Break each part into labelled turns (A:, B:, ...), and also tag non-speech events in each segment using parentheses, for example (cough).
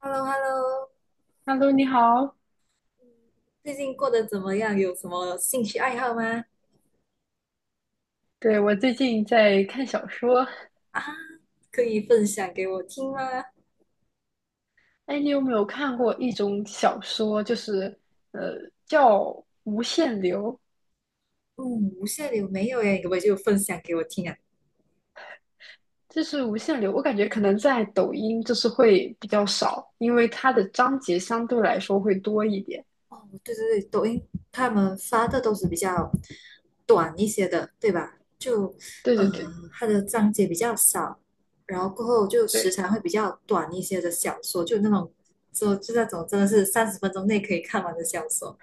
A: h e l l o h e l l o
B: Hello，你好。
A: 最近过得怎么样？有什么兴趣爱好吗？
B: 对，我最近在看小说，
A: 啊，可以分享给我听吗？
B: 哎，你有没有看过一种小说，就是呃叫《无限流》？
A: 嗯，无限流没有耶，你可不可以就分享给我听啊？
B: 就是《无限流》，我感觉可能在抖音就是会比较少，因为它的章节相对来说会多一点。
A: 哦，对对对，抖音他们发的都是比较短一些的，对吧？就，
B: 对
A: 呃，
B: 对对
A: 它的章节比较少，然后过后就时
B: 对
A: 长会比较短一些的小说，就那种，就那种真的是30分钟内可以看完的小说，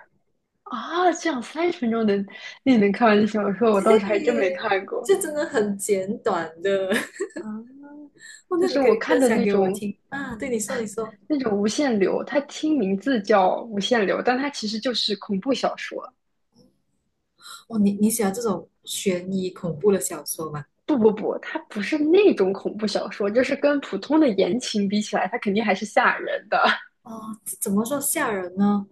B: 啊，这样30分钟你能看完的小说，我倒是还真没
A: 对，
B: 看过
A: 这真的很简短的。
B: 啊。
A: 哦，
B: 就
A: 那你
B: 是
A: 可
B: 我
A: 以
B: 看
A: 分
B: 的
A: 享
B: 那
A: 给我
B: 种
A: 听啊。对，你说，你说，
B: 那种无限流，它听名字叫无限流，但它其实就是恐怖小说。
A: 哦，你喜欢这种悬疑恐怖的小说吗？
B: 不不不，它不是那种恐怖小说，就是跟普通的言情比起来，它肯定还是吓人的。
A: 哦，这怎么说吓人呢？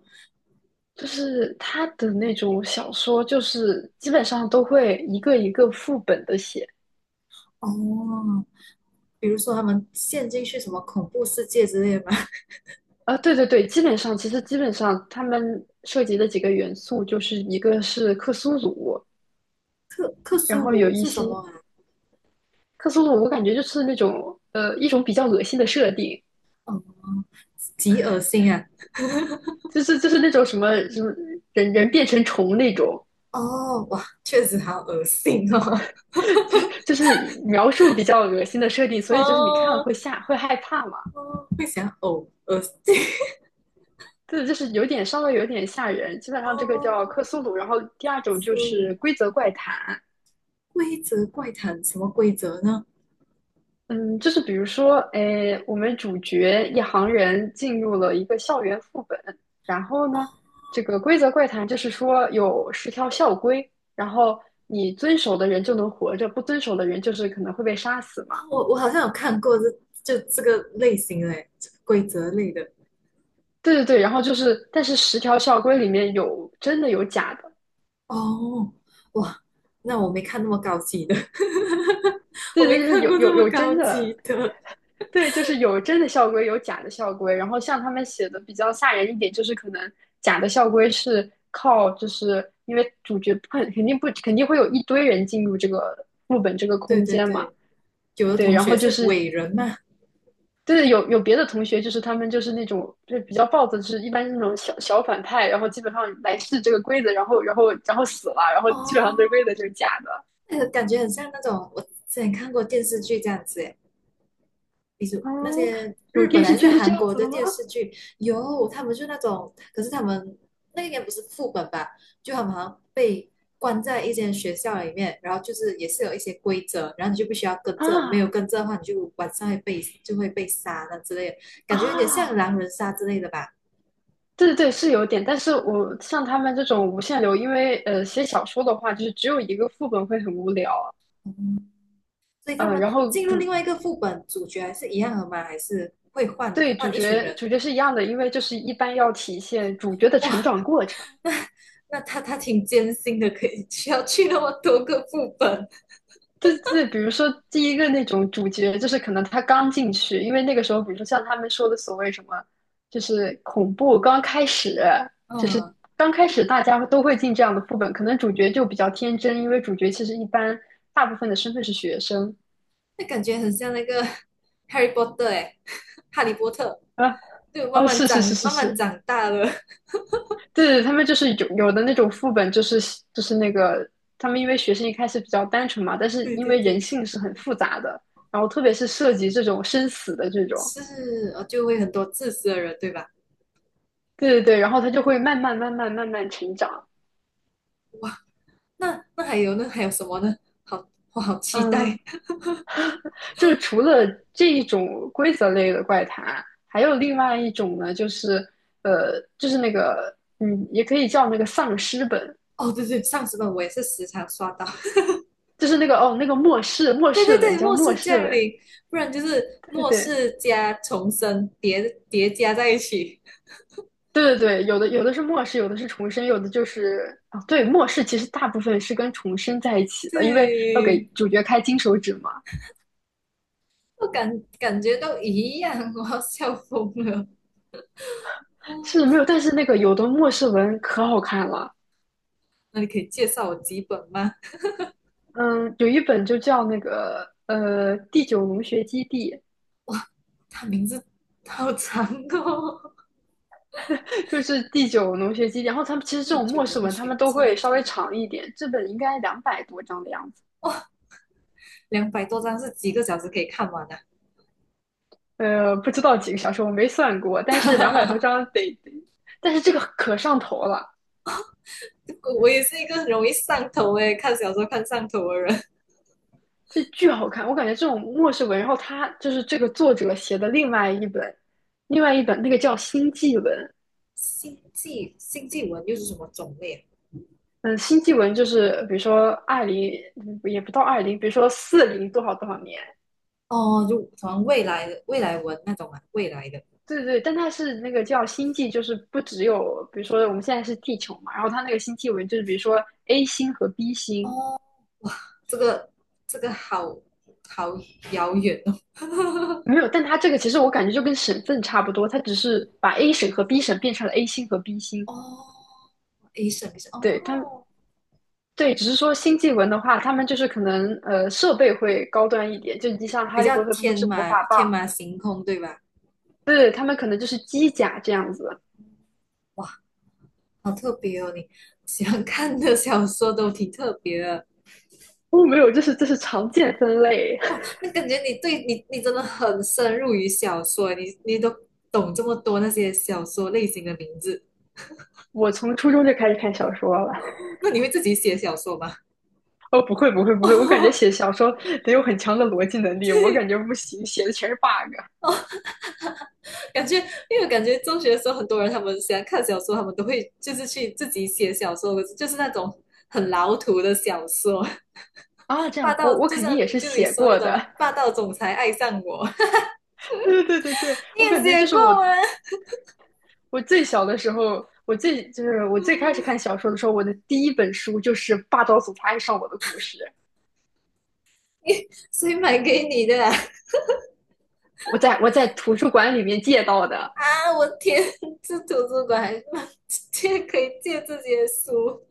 B: 就是它的那种小说，就是基本上都会一个一个副本的写。
A: 哦，比如说他们陷进去什么恐怖世界之类的吗？
B: 啊，对对对，基本上其实基本上他们涉及的几个元素，就是一个是克苏鲁，
A: (laughs) 克
B: 然
A: 苏
B: 后有
A: 鲁
B: 一
A: 是什么
B: 些
A: 啊？
B: 克苏鲁，我感觉就是那种一种比较恶心的设定，
A: 哦，极恶心啊！
B: 就是那种什么什么人人变成虫那种，
A: 哦，哇，确实好恶心哦。
B: 就是描述比较恶心的设定，
A: (laughs)
B: 所以就是你看了
A: 哦，
B: 会吓，会害怕嘛？
A: 哦，会想呕，恶心。(laughs)
B: 对，就是稍微有点吓人。基本上这个叫
A: 哦，
B: 克苏鲁，然后第
A: 克
B: 二种就
A: 苏
B: 是
A: 鲁
B: 规则怪谈。
A: 规则怪谈，什么规则呢？
B: 嗯，就是比如说，诶，哎我们主角一行人进入了一个校园副本，然后呢，这个规则怪谈就是说有十条校规，然后你遵守的人就能活着，不遵守的人就是可能会被杀死嘛。
A: 哦我好像有看过这就这个类型嘞，这个规则类的。
B: 对对对，然后就是，但是十条校规里面有真的有假的。
A: 哦，哇，那我没看那么高级的，(laughs) 我
B: 对对，
A: 没
B: 就是
A: 看
B: 有
A: 过这
B: 有
A: 么
B: 有
A: 高
B: 真的，
A: 级的。
B: 对，就是有真的校规，有假的校规。然后像他们写的比较吓人一点，就是可能假的校规是靠，就是因为主角不肯肯定不肯定会有一堆人进入这个副本这个
A: 对
B: 空
A: 对
B: 间嘛，
A: 对，有的
B: 对，
A: 同
B: 然后
A: 学
B: 就
A: 是
B: 是
A: 伟人嘛。
B: 对有别的同学，就是他们就是那种就比较暴躁，就是一般是那种小小反派，然后基本上来试这个规则，然后死了，然后
A: 哦，
B: 基本上这个规则就是假的。
A: 那个感觉很像那种我之前看过电视剧这样子，比如
B: 哦，
A: 那些
B: 有
A: 日本
B: 电视
A: 还是
B: 剧是这
A: 韩
B: 样
A: 国
B: 子
A: 的
B: 的吗？
A: 电视剧，有他们就那种，可是他们那个应该不是副本吧？就他们好像被关在一间学校里面，然后就是也是有一些规则，然后你就必须要跟着，没有
B: 啊
A: 跟着的话，你就晚上会被就会被杀那之类的，感觉有点像
B: 啊！
A: 狼人杀之类的吧。
B: 对对对，是有点，但是我像他们这种无限流，因为写小说的话，就是只有一个副本会很无聊，
A: 嗯，所以他们
B: 然后
A: 进入另
B: 主
A: 外一个副本，主角还是一样的吗？还是会换
B: 对主
A: 换一群
B: 角
A: 人？
B: 主角是一样的，因为就是一般要体现主角的成
A: 哇，
B: 长过程。
A: 那他挺艰辛的，可以需要去那么多个副本，
B: 对对，比如说第一个那种主角，就是可能他刚进去，因为那个时候，比如说像他们说的所谓什么，就是恐怖刚开始，就是
A: 嗯。
B: 刚开始大家都会进这样的副本，可能主角就比较天真，因为主角其实一般大部分的身份是学生。
A: 那感觉很像那个 (laughs) Harry Potter 哎，(laughs) 哈利波特，
B: 啊。
A: 对，
B: 哦，是是是是
A: 慢慢
B: 是，
A: 长大了，
B: 对，对，他们就是有的那种副本，就是那个他们因为学生一开始比较单纯嘛，但
A: (laughs)
B: 是
A: 对
B: 因
A: 对
B: 为人
A: 对，
B: 性是很复杂的，然后特别是涉及这种生死的这种，
A: 是，就会很多自私的人，对吧？
B: 对对对，然后他就会慢慢慢慢慢慢成长。
A: 哇，那还有呢？还有什么呢？好，我好期
B: 嗯，
A: 待。(laughs)
B: 就是除了这一种规则类的怪谈，还有另外一种呢，就是就是那个也可以叫那个丧尸本，
A: 哦，对对，上次本我也是时常刷到，
B: 就是那个那个末世末
A: (laughs) 对
B: 世
A: 对
B: 文
A: 对，
B: 叫
A: 末
B: 末
A: 世
B: 世
A: 降
B: 文，
A: 临，不然就是
B: 对
A: 末
B: 对
A: 世加重生叠加在一起，
B: 对对对，有的是末世，有的是重生，有的就是啊，对，末世其实大部分是跟重生在一起
A: (laughs)
B: 的，因为要给
A: 对，
B: 主角开金手指嘛。
A: 我感觉都一样，我要笑疯了。(laughs)
B: 是没
A: 哦，
B: 有，但是那个有的末世文可好看了，
A: 那你可以介绍我几本吗？
B: 嗯，有一本就叫那个第九农学基地，
A: 他名字好长哦，
B: (laughs) 就是第九农学基地。然后他们其
A: (laughs)
B: 实这
A: 第
B: 种末
A: 九
B: 世
A: 龙
B: 文，他
A: 学
B: 们都会
A: 基
B: 稍微
A: 地，
B: 长一点，这本应该两百多章的样子，
A: 200多章是几个小时可以看完的、
B: 不知道几个小时，我没算过，但是两百多
A: 啊。
B: 章但是这个可上头了。
A: (laughs) 我也是一个很容易上头诶，看小说看上头的人。(laughs)
B: 这巨好看，我感觉这种末世文，然后他就是这个作者写的另外一本，另外一本那个叫星际文，
A: 星际文又是什么种类啊
B: 嗯，星际文就是比如说二零，也不到二零，比如说四零多少多少年，
A: 哦，就好像未来的未来文那种啊，未来的。
B: 对对，但它是那个叫星际，就是不只有比如说我们现在是地球嘛，然后它那个星际文就是比如说 A 星和 B 星
A: 哦，这个这个好好遥远哦。
B: 没有，但它这个其实我感觉就跟省份差不多，它只是把 A 省和 B 省变成了 A 星和 B
A: (laughs)
B: 星，
A: 哦，A 么 A 审
B: 对，
A: 哦，
B: 只是说星际文的话，他们就是可能设备会高端一点，就你像哈
A: 比
B: 利
A: 较
B: 波特他们
A: 天
B: 是魔
A: 马
B: 法
A: 天
B: 棒，
A: 马行空对吧？
B: 对，他们可能就是机甲这样子。
A: 哇，好特别哦，你喜欢看的小说都挺特别的，
B: 哦，没有，这是这是常见分类。
A: 那感觉你对你真的很深入于小说欸，你都懂这么多那些小说类型的名字，
B: (laughs) 我从初中就开始看小说了。
A: 那你会自己写小说吗？
B: 哦，不会不会
A: (laughs)
B: 不会，我感觉
A: 哦，
B: 写小说得有很强的逻辑能力，我感
A: 对，
B: 觉不行，写的全是 bug
A: 感觉因为我感觉中学的时候，很多人他们喜欢看小说，他们都会就是去自己写小说，可是就是那种很老土的小说，
B: 啊。这
A: 霸
B: 样，我
A: 道
B: 我
A: 就
B: 肯
A: 像
B: 定也是
A: 就你
B: 写
A: 说那
B: 过
A: 种
B: 的。
A: 霸道总裁爱上我，
B: (laughs) 对对对对对，
A: (laughs) 你
B: 我
A: 也
B: 感觉就
A: 写
B: 是我
A: 过吗？
B: 我最小的时候，我最开始看
A: (laughs)
B: 小说的时候，我的第一本书就是《霸道总裁爱上我的故事》，
A: 你谁买给你的啊？
B: 我在图书馆里面借到的。
A: 啊，我天，这图书馆还借可以借这些书，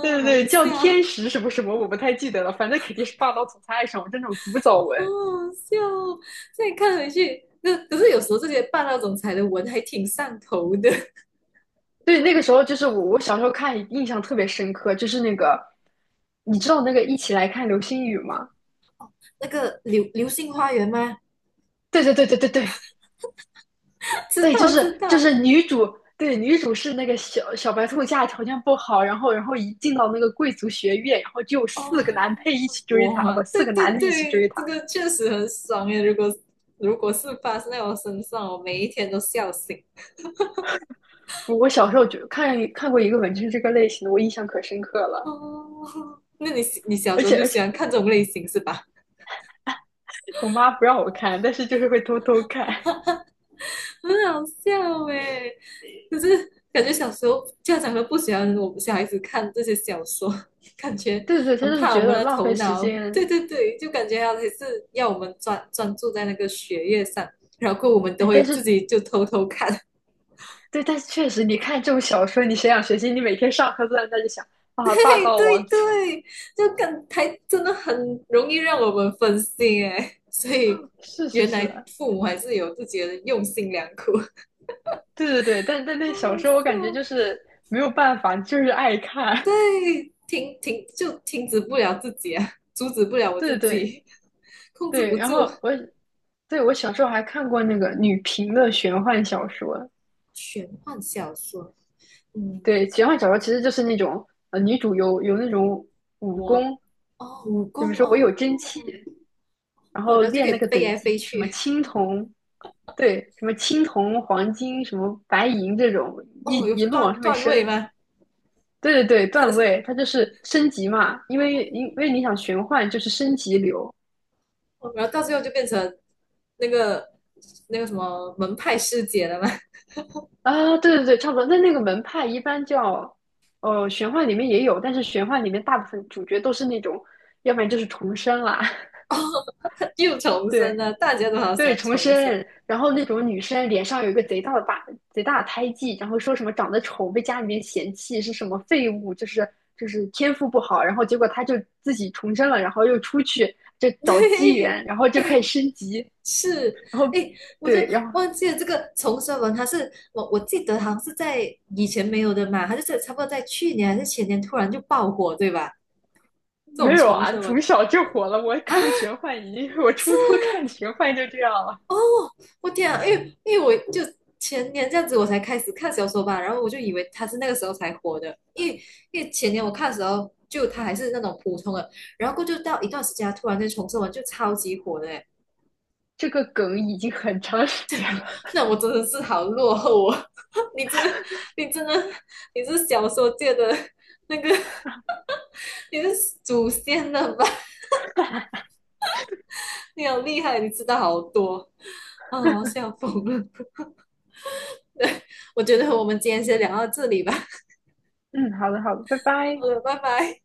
B: 对对
A: 好好
B: 对，叫
A: 笑，
B: 天
A: 好
B: 使什么什么，我不太记得了，反正肯定是《霸道总裁爱上我》这种古早
A: 好
B: 文。
A: 笑哦再看回去，那可是有时候这些霸道总裁的文还挺上头的。(laughs)
B: 对，那个时候就是我，我小时候看印象特别深刻，就是那个，你知道那个《一起来看流星雨》吗？
A: 那个流星花园吗？
B: 对对对对对对，
A: (laughs) 知
B: 对，就
A: 道
B: 是
A: 知
B: 就
A: 道
B: 是女主，对，女主是那个小小白兔家里条件不好，然后一进到那个贵族学院，然后就有四
A: 哦，
B: 个男配一起追她，啊
A: 哇，
B: 不，四
A: 对
B: 个男
A: 对
B: 的一起追
A: 对，这
B: 她。
A: 个确实很爽耶！如果如果是发生在我身上，我每一天都笑醒。
B: 我小时候就看看过一个文就是这个类型的，我印象可深刻了。
A: 哦，那你小
B: 而
A: 时候
B: 且
A: 就
B: 而
A: 喜
B: 且
A: 欢看这种类型是吧？
B: 我妈不让我看，但是就是会偷偷看。(laughs)
A: 很好笑哎、可是感觉小时候家长都不喜欢我们小孩子看这些小说，(laughs) 感觉
B: 对对，她
A: 很
B: 就是
A: 怕
B: 觉
A: 我们
B: 得
A: 的
B: 浪
A: 头
B: 费时
A: 脑。对
B: 间。
A: 对对，就感觉还是要我们专注在那个学业上，然后我们都
B: 哎，但
A: 会自
B: 是
A: 己就偷偷看。
B: 对，但是确实，你看这种小说，你谁想学习？你每天上课都在那里想
A: (laughs)
B: 啊，霸
A: 对
B: 道王
A: 对
B: 子。
A: 对，就感还真的很容易让我们分心哎，所以
B: (laughs) 是是
A: 原
B: 是，
A: 来父母还是有自己的用心良苦，
B: 对对对，但
A: (laughs)
B: 那
A: 好
B: 小
A: 好
B: 说我感觉就
A: 笑。
B: 是没有办法，就是爱看。
A: 对，就停止不了自己啊，阻止不了
B: (laughs)
A: 我
B: 对
A: 自
B: 对
A: 己，控制
B: 对，
A: 不
B: 然
A: 住。
B: 后我小时候还看过那个女频的玄幻小说。
A: 玄幻小说，嗯，
B: 对，玄幻小说其实就是那种女主有那种武
A: 我
B: 功，
A: 哦，武功
B: 就比如说我有
A: 哦，
B: 真气，然
A: 哦
B: 后
A: 然后就可
B: 练
A: 以
B: 那个
A: 飞
B: 等
A: 来飞
B: 级，什么
A: 去，
B: 青铜，对，什么青铜、黄金、什么白银这种，一
A: 哦，有
B: 一路往
A: 段
B: 上面
A: 段位
B: 升。
A: 吗？
B: 对对对，段位
A: (laughs)
B: 它就是升级嘛，因为因为你想玄幻就是升级流
A: 哦，然后到最后就变成那个那个什么门派师姐了吗？
B: 啊，对对对，差不多。那那个门派一般叫，玄幻里面也有，但是玄幻里面大部分主角都是那种，要不然就是重生啦，
A: (laughs) 又
B: (laughs)
A: 重生
B: 对
A: 了，大家都好
B: 对，
A: 想
B: 重
A: 重生，
B: 生，然后那种女生脸上有一个贼大的疤，贼大的胎记，然后说什么长得丑被家里面嫌弃是什么废物，就是就是天赋不好，然后结果她就自己重生了，然后又出去就
A: (laughs)
B: 找机
A: 对，
B: 缘，然后就
A: 哎
B: 开始升级。
A: 是，
B: 然后
A: 哎，我就
B: 对，然后
A: 忘记了这个重生文，它是我记得好像是在以前没有的嘛，它就是差不多在去年还是前年突然就爆火，对吧？这
B: 没
A: 种
B: 有
A: 重
B: 啊，
A: 生文，
B: 从小就火了。我看的玄幻已经是 (laughs) 我初中看的玄幻就这样了，
A: 我天啊，因为我就前年这样子我才开始看小说吧，然后我就以为它是那个时候才火的，因为前年我看的时候就它还是那种普通的，然后过后就到一段时间，它突然间重生文就超级火的，
B: 这个梗已经很长时间了。
A: 那我真的是好落后哦！(laughs) 你真的，你真的，你是小说界的那个，你是祖先了吧？(laughs) 你好厉害，你知道好多啊！笑疯了。(laughs) 我觉得我们今天先聊到这里吧。
B: 嗯，好的，好的，拜
A: (laughs) 好
B: 拜。
A: 了，拜拜。